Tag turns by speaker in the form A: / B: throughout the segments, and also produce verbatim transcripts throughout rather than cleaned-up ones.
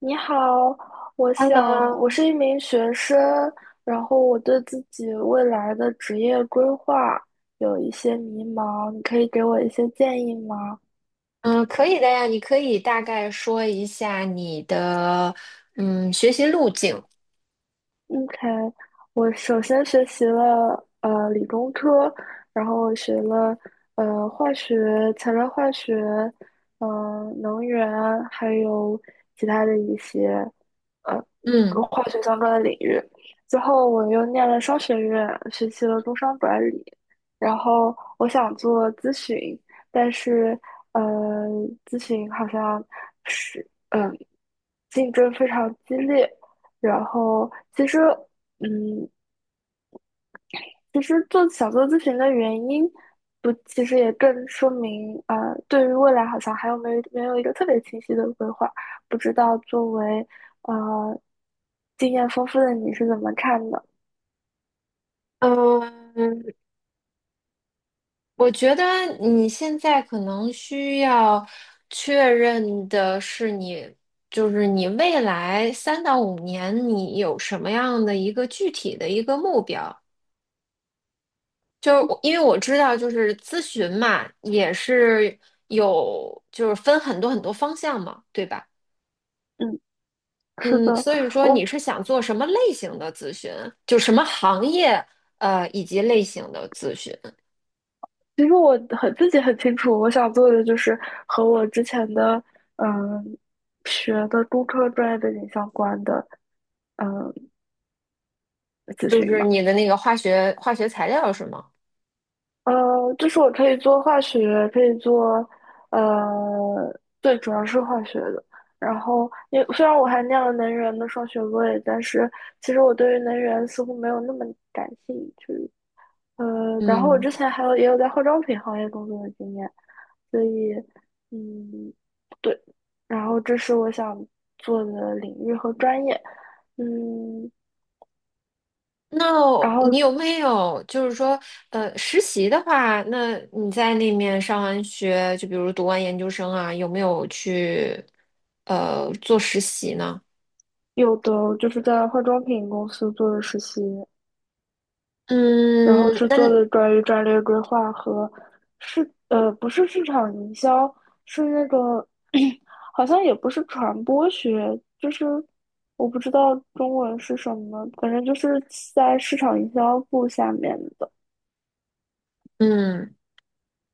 A: 你好，我想
B: Hello，
A: 我是一名学生，然后我对自己未来的职业规划有一些迷茫，你可以给我一些建议吗？
B: 嗯，可以的呀，你可以大概说一下你的嗯学习路径。
A: OK，我首先学习了呃理工科，然后我学了呃化学、材料化学，呃能源，还有其他的一些呃
B: 嗯
A: 跟化学相关的领域。最后我又念了商学院，学习了工商管理。然后我想做咨询，但是呃咨询好像是嗯、竞争非常激烈。然后其实，嗯，其实做想做咨询的原因，不，其实也更说明，啊，对于未来好像还有没有没有一个特别清晰的规划，不知道作为呃经验丰富的你是怎么看的？
B: 嗯，我觉得你现在可能需要确认的是你，就是你未来三到五年你有什么样的一个具体的一个目标。就是我因为我知道，就是咨询嘛，也是有就是分很多很多方向嘛，对吧？
A: 嗯，是
B: 嗯，
A: 的，
B: 所以说你
A: 我
B: 是想做什么类型的咨询？就什么行业，呃，以及类型的咨询？
A: 其实我很自己很清楚，我想做的就是和我之前的嗯学的工科专业背景相关的嗯咨
B: 就
A: 询
B: 是
A: 嘛。
B: 你的那个化学化学材料是吗？
A: 呃，就是我可以做化学，可以做，呃，对，主要是化学的。然后也虽然我还念了能源的双学位，但是其实我对于能源似乎没有那么感兴趣。呃，然后我
B: 嗯，
A: 之前还有也有在化妆品行业工作的经验，所以嗯，对，然后这是我想做的领域和专业，嗯，
B: 那
A: 然后
B: 你有没有就是说，呃，实习的话，那你在那面上完学，就比如读完研究生啊，有没有去呃做实习呢？
A: 有的就是在化妆品公司做的实习，然后
B: 嗯，
A: 是做
B: 那
A: 的关于战略规划和市呃不是市场营销，是那个 好像也不是传播学，就是我不知道中文是什么，反正就是在市场营销部下面的。
B: 嗯。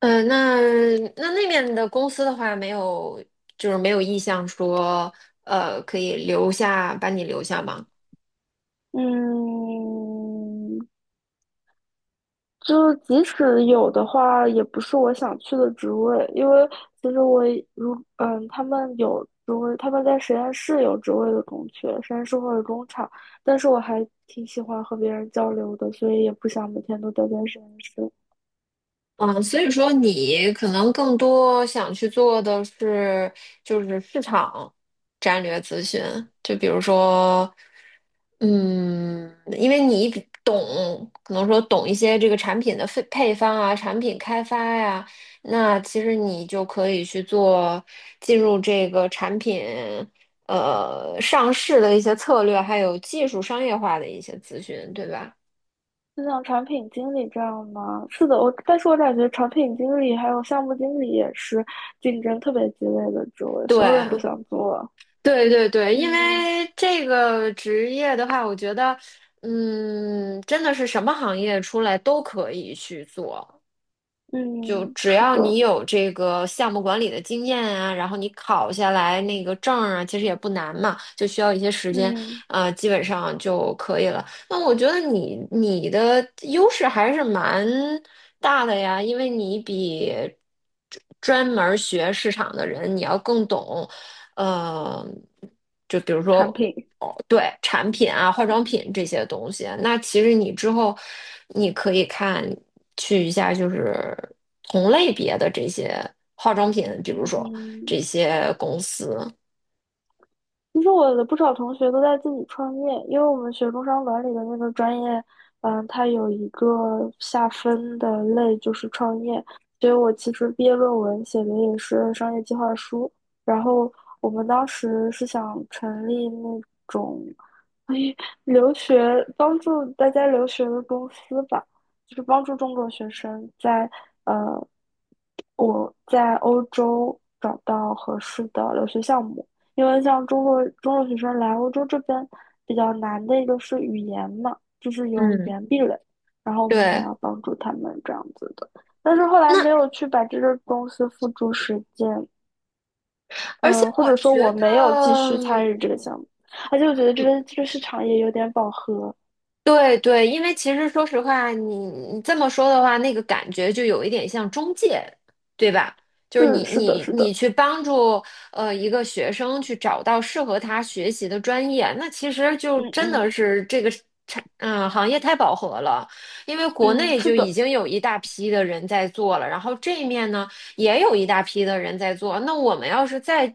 B: 嗯，那那那面的公司的话，没有，就是没有意向说，呃，可以留下，把你留下吗？
A: 嗯，就是即使有的话，也不是我想去的职位，因为其实我如嗯，他们有职位，他们在实验室有职位的空缺，实验室或者工厂，但是我还挺喜欢和别人交流的，所以也不想每天都待在实验室。
B: 嗯，所以说你可能更多想去做的是，就是市场战略咨询，就比如说，嗯，因为你比懂，可能说懂一些这个产品的配配方啊，产品开发呀，那其实你就可以去做进入这个产品呃上市的一些策略，还有技术商业化的一些咨询，对吧？
A: 就像产品经理这样吗？是的，我但是我感觉产品经理还有项目经理也是竞争特别激烈的职位，所
B: 对。
A: 有人都想做。
B: 对对对，因
A: 嗯
B: 为这个职业的话，我觉得，嗯，真的是什么行业出来都可以去做，就
A: 嗯，
B: 只
A: 是
B: 要
A: 的，
B: 你有这个项目管理的经验啊，然后你考下来那个证儿啊，其实也不难嘛，就需要一些时间，
A: 嗯，
B: 呃，基本上就可以了。那我觉得你你的优势还是蛮大的呀，因为你比专专门儿学市场的人你要更懂，呃，就比如
A: 产
B: 说。
A: 品，
B: 哦，对，产品啊，化妆品这些东西，那其实你之后你可以看。去一下就是同类别的这些化妆品，比如说这
A: 嗯。
B: 些公司。
A: 其实我的不少同学都在自己创业，因为我们学工商管理的那个专业，嗯，它有一个下分的类就是创业，所以我其实毕业论文写的也是商业计划书。然后我们当时是想成立那种。留学帮助大家留学的公司吧，就是帮助中国学生在呃我在欧洲找到合适的留学项目，因为像中国中国学生来欧洲这边比较难的一个是语言嘛，就是有语
B: 嗯，
A: 言壁垒，然后我们想
B: 对。
A: 要帮助他们这样子的，但是后来
B: 那
A: 没有去把这个公司付诸实践，
B: 而且
A: 嗯，或
B: 我
A: 者说
B: 觉
A: 我
B: 得，
A: 没有继续
B: 嗯，
A: 参与这个项目，而且我觉得这个这个市场也有点饱和。
B: 对对，因为其实说实话，你你这么说的话，那个感觉就有一点像中介，对吧？就是你
A: 是是的，
B: 你
A: 是
B: 你
A: 的，
B: 去帮助呃一个学生去找到适合他学习的专业，那其实就
A: 嗯
B: 真的
A: 嗯
B: 是这个产嗯行业太饱和了，因为国
A: 嗯
B: 内
A: 是
B: 就已
A: 的，
B: 经有一大批的人在做了，然后这一面呢也有一大批的人在做，那我们要是再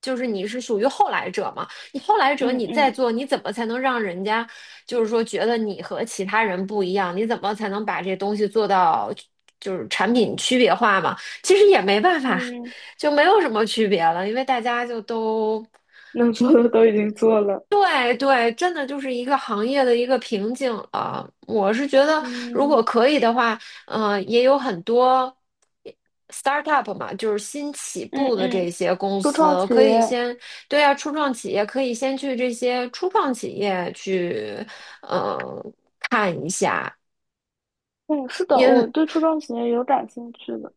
B: 就是你是属于后来者嘛？你后来者
A: 嗯
B: 你再
A: 嗯
B: 做，你怎么才能让人家就是说觉得你和其他人不一样？你怎么才能把这东西做到就是产品区别化嘛？其实也没办法，
A: 嗯
B: 就没有什么区别了，因为大家就都。
A: 能做的都已经做了。
B: 对对，真的就是一个行业的一个瓶颈了。我是觉得，如果
A: 嗯
B: 可以的话，嗯、也有很多 startup 嘛，就是新起
A: 嗯
B: 步的
A: 嗯
B: 这些公
A: 初创
B: 司，
A: 企
B: 可以
A: 业，
B: 先，对啊，初创企业可以先去这些初创企业去。嗯，
A: 嗯，是的，我
B: 因
A: 对初创企业有感兴趣的，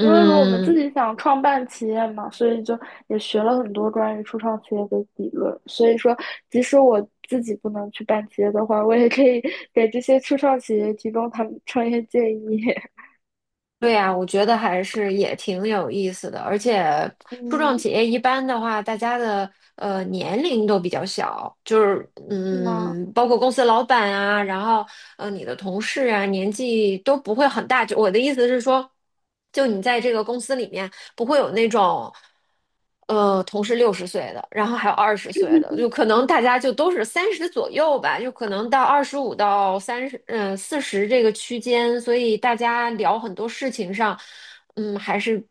A: 因为如果我们自己想创办企业嘛，所以就也学了很多关于初创企业的理论。所以说，即使我自己不能去办企业的话，我也可以 给这些初创企业提供他们创业建议。
B: 对呀，我觉得还是也挺有意思的，而且 初创
A: 嗯，
B: 企业一般的话，大家的呃年龄都比较小，就是
A: 是吗？
B: 嗯，包括公司老板啊，然后呃你的同事啊，年纪都不会很大。就我的意思是说，就你在这个公司里面。不会有那种，呃，同是六十岁的，然后还有二十岁的，就可能大家就都是三十左右吧，就可能到二十五到三十，嗯，四十这个区间，所以大家聊很多事情上，嗯，还是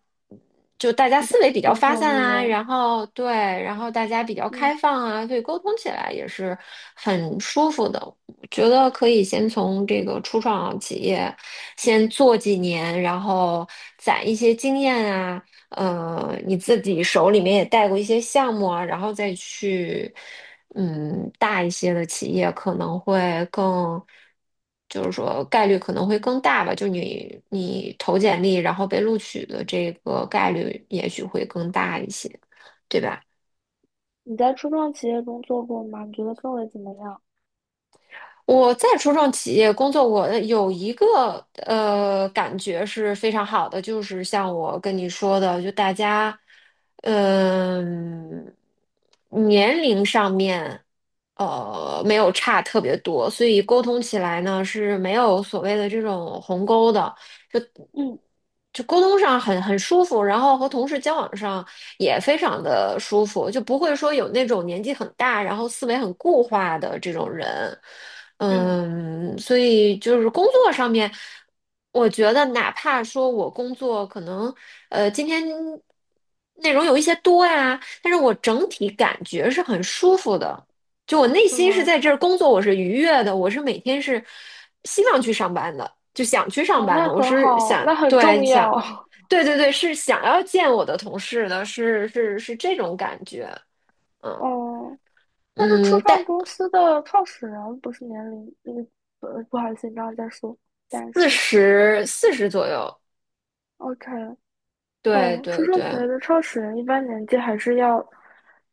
B: 就大家
A: 比较
B: 思维比较
A: 共
B: 发
A: 同
B: 散
A: 语
B: 啊，
A: 言，
B: 然后对，然后大家比较
A: 嗯。
B: 开放啊，所以沟通起来也是很舒服的。我觉得可以先从这个初创企业先做几年，然后攒一些经验啊，呃，你自己手里面也带过一些项目啊，然后再去，嗯，大一些的企业可能会更，就是说概率可能会更大吧，就你你投简历然后被录取的这个概率也许会更大一些，对吧？
A: 你在初创企业中做过吗？你觉得氛围怎么样？
B: 我在初创企业工作过，呃有一个呃感觉是非常好的，就是像我跟你说的，就大家，嗯、年龄上面，呃，没有差特别多，所以沟通起来呢是没有所谓的这种鸿沟的。
A: 嗯
B: 就沟通上很很舒服，然后和同事交往上也非常的舒服，就不会说有那种年纪很大，然后思维很固化的这种人。
A: 嗯，
B: 嗯，所以就是工作上面，我觉得哪怕说我工作可能呃今天内容有一些多呀，但是我整体感觉是很舒服的。就我内
A: 是
B: 心是
A: 吗？
B: 在这儿工作，我是愉悦的，我是每天是希望去上班的，就想去上
A: 哦，
B: 班
A: 那
B: 的，我
A: 很
B: 是
A: 好，
B: 想，
A: 那很
B: 对，
A: 重要。
B: 想，对对对，是想要见我的同事的，是是是这种感觉，嗯
A: 哦，但是初
B: 嗯，但
A: 创公司的创始人不是年龄，嗯，呃，不好意思，你刚刚在说，但
B: 四
A: 是
B: 十四十左右，
A: ，OK，
B: 对
A: 哦，初
B: 对
A: 创企
B: 对
A: 业的创始人一般年纪还是要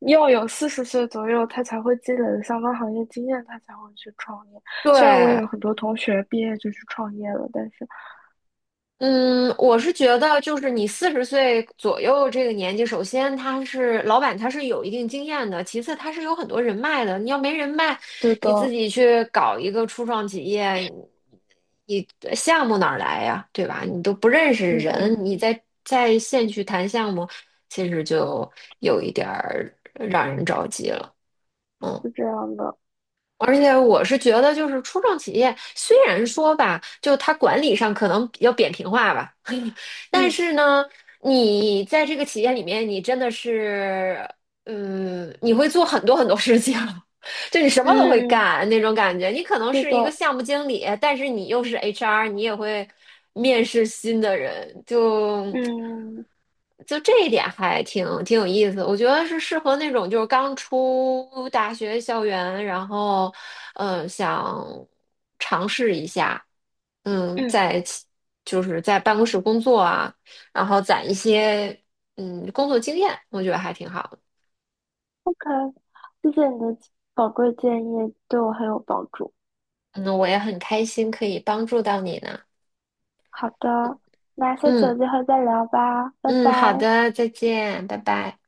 A: 要有四十岁左右，他才会积累的相关行业经验，他才会去创业。虽然我也
B: 对。
A: 有很多同学毕业就去创业了，但是
B: 嗯，我是觉得，就是你四十岁左右这个年纪，首先他是老板，他是有一定经验的；其次，他是有很多人脉的。你要没人脉，
A: 对
B: 你自
A: 的，
B: 己去搞一个初创企业，你你项目哪儿来呀？对吧？你都不认识
A: 嗯嗯，
B: 人，你在在线去谈项目，其实就有一点儿让人着急了。嗯。
A: 是这样的。
B: 而且我是觉得，就是初创企业虽然说吧，就它管理上可能比较扁平化吧，但
A: 嗯。
B: 是呢，你在这个企业里面，你真的是，嗯，你会做很多很多事情，就你什么都会
A: 嗯，
B: 干那种感觉。你可能
A: 是
B: 是一个
A: 的，
B: 项目经理，但是你又是 H R，你也会面试新的人，就。
A: 嗯
B: 就这一点还挺挺有意思，我觉得是适合那种就是刚出大学校园，然后，嗯、想尝试一下，嗯，
A: 嗯
B: 在其就是在办公室工作啊，然后攒一些嗯工作经验，我觉得还挺好的。
A: ，OK，谢谢你的宝贵建议，对我很有帮助。
B: 嗯，我也很开心可以帮助到你呢。
A: 好的，那下次有
B: 嗯
A: 机会再聊吧，拜
B: 嗯，
A: 拜。
B: 好的，再见，拜拜。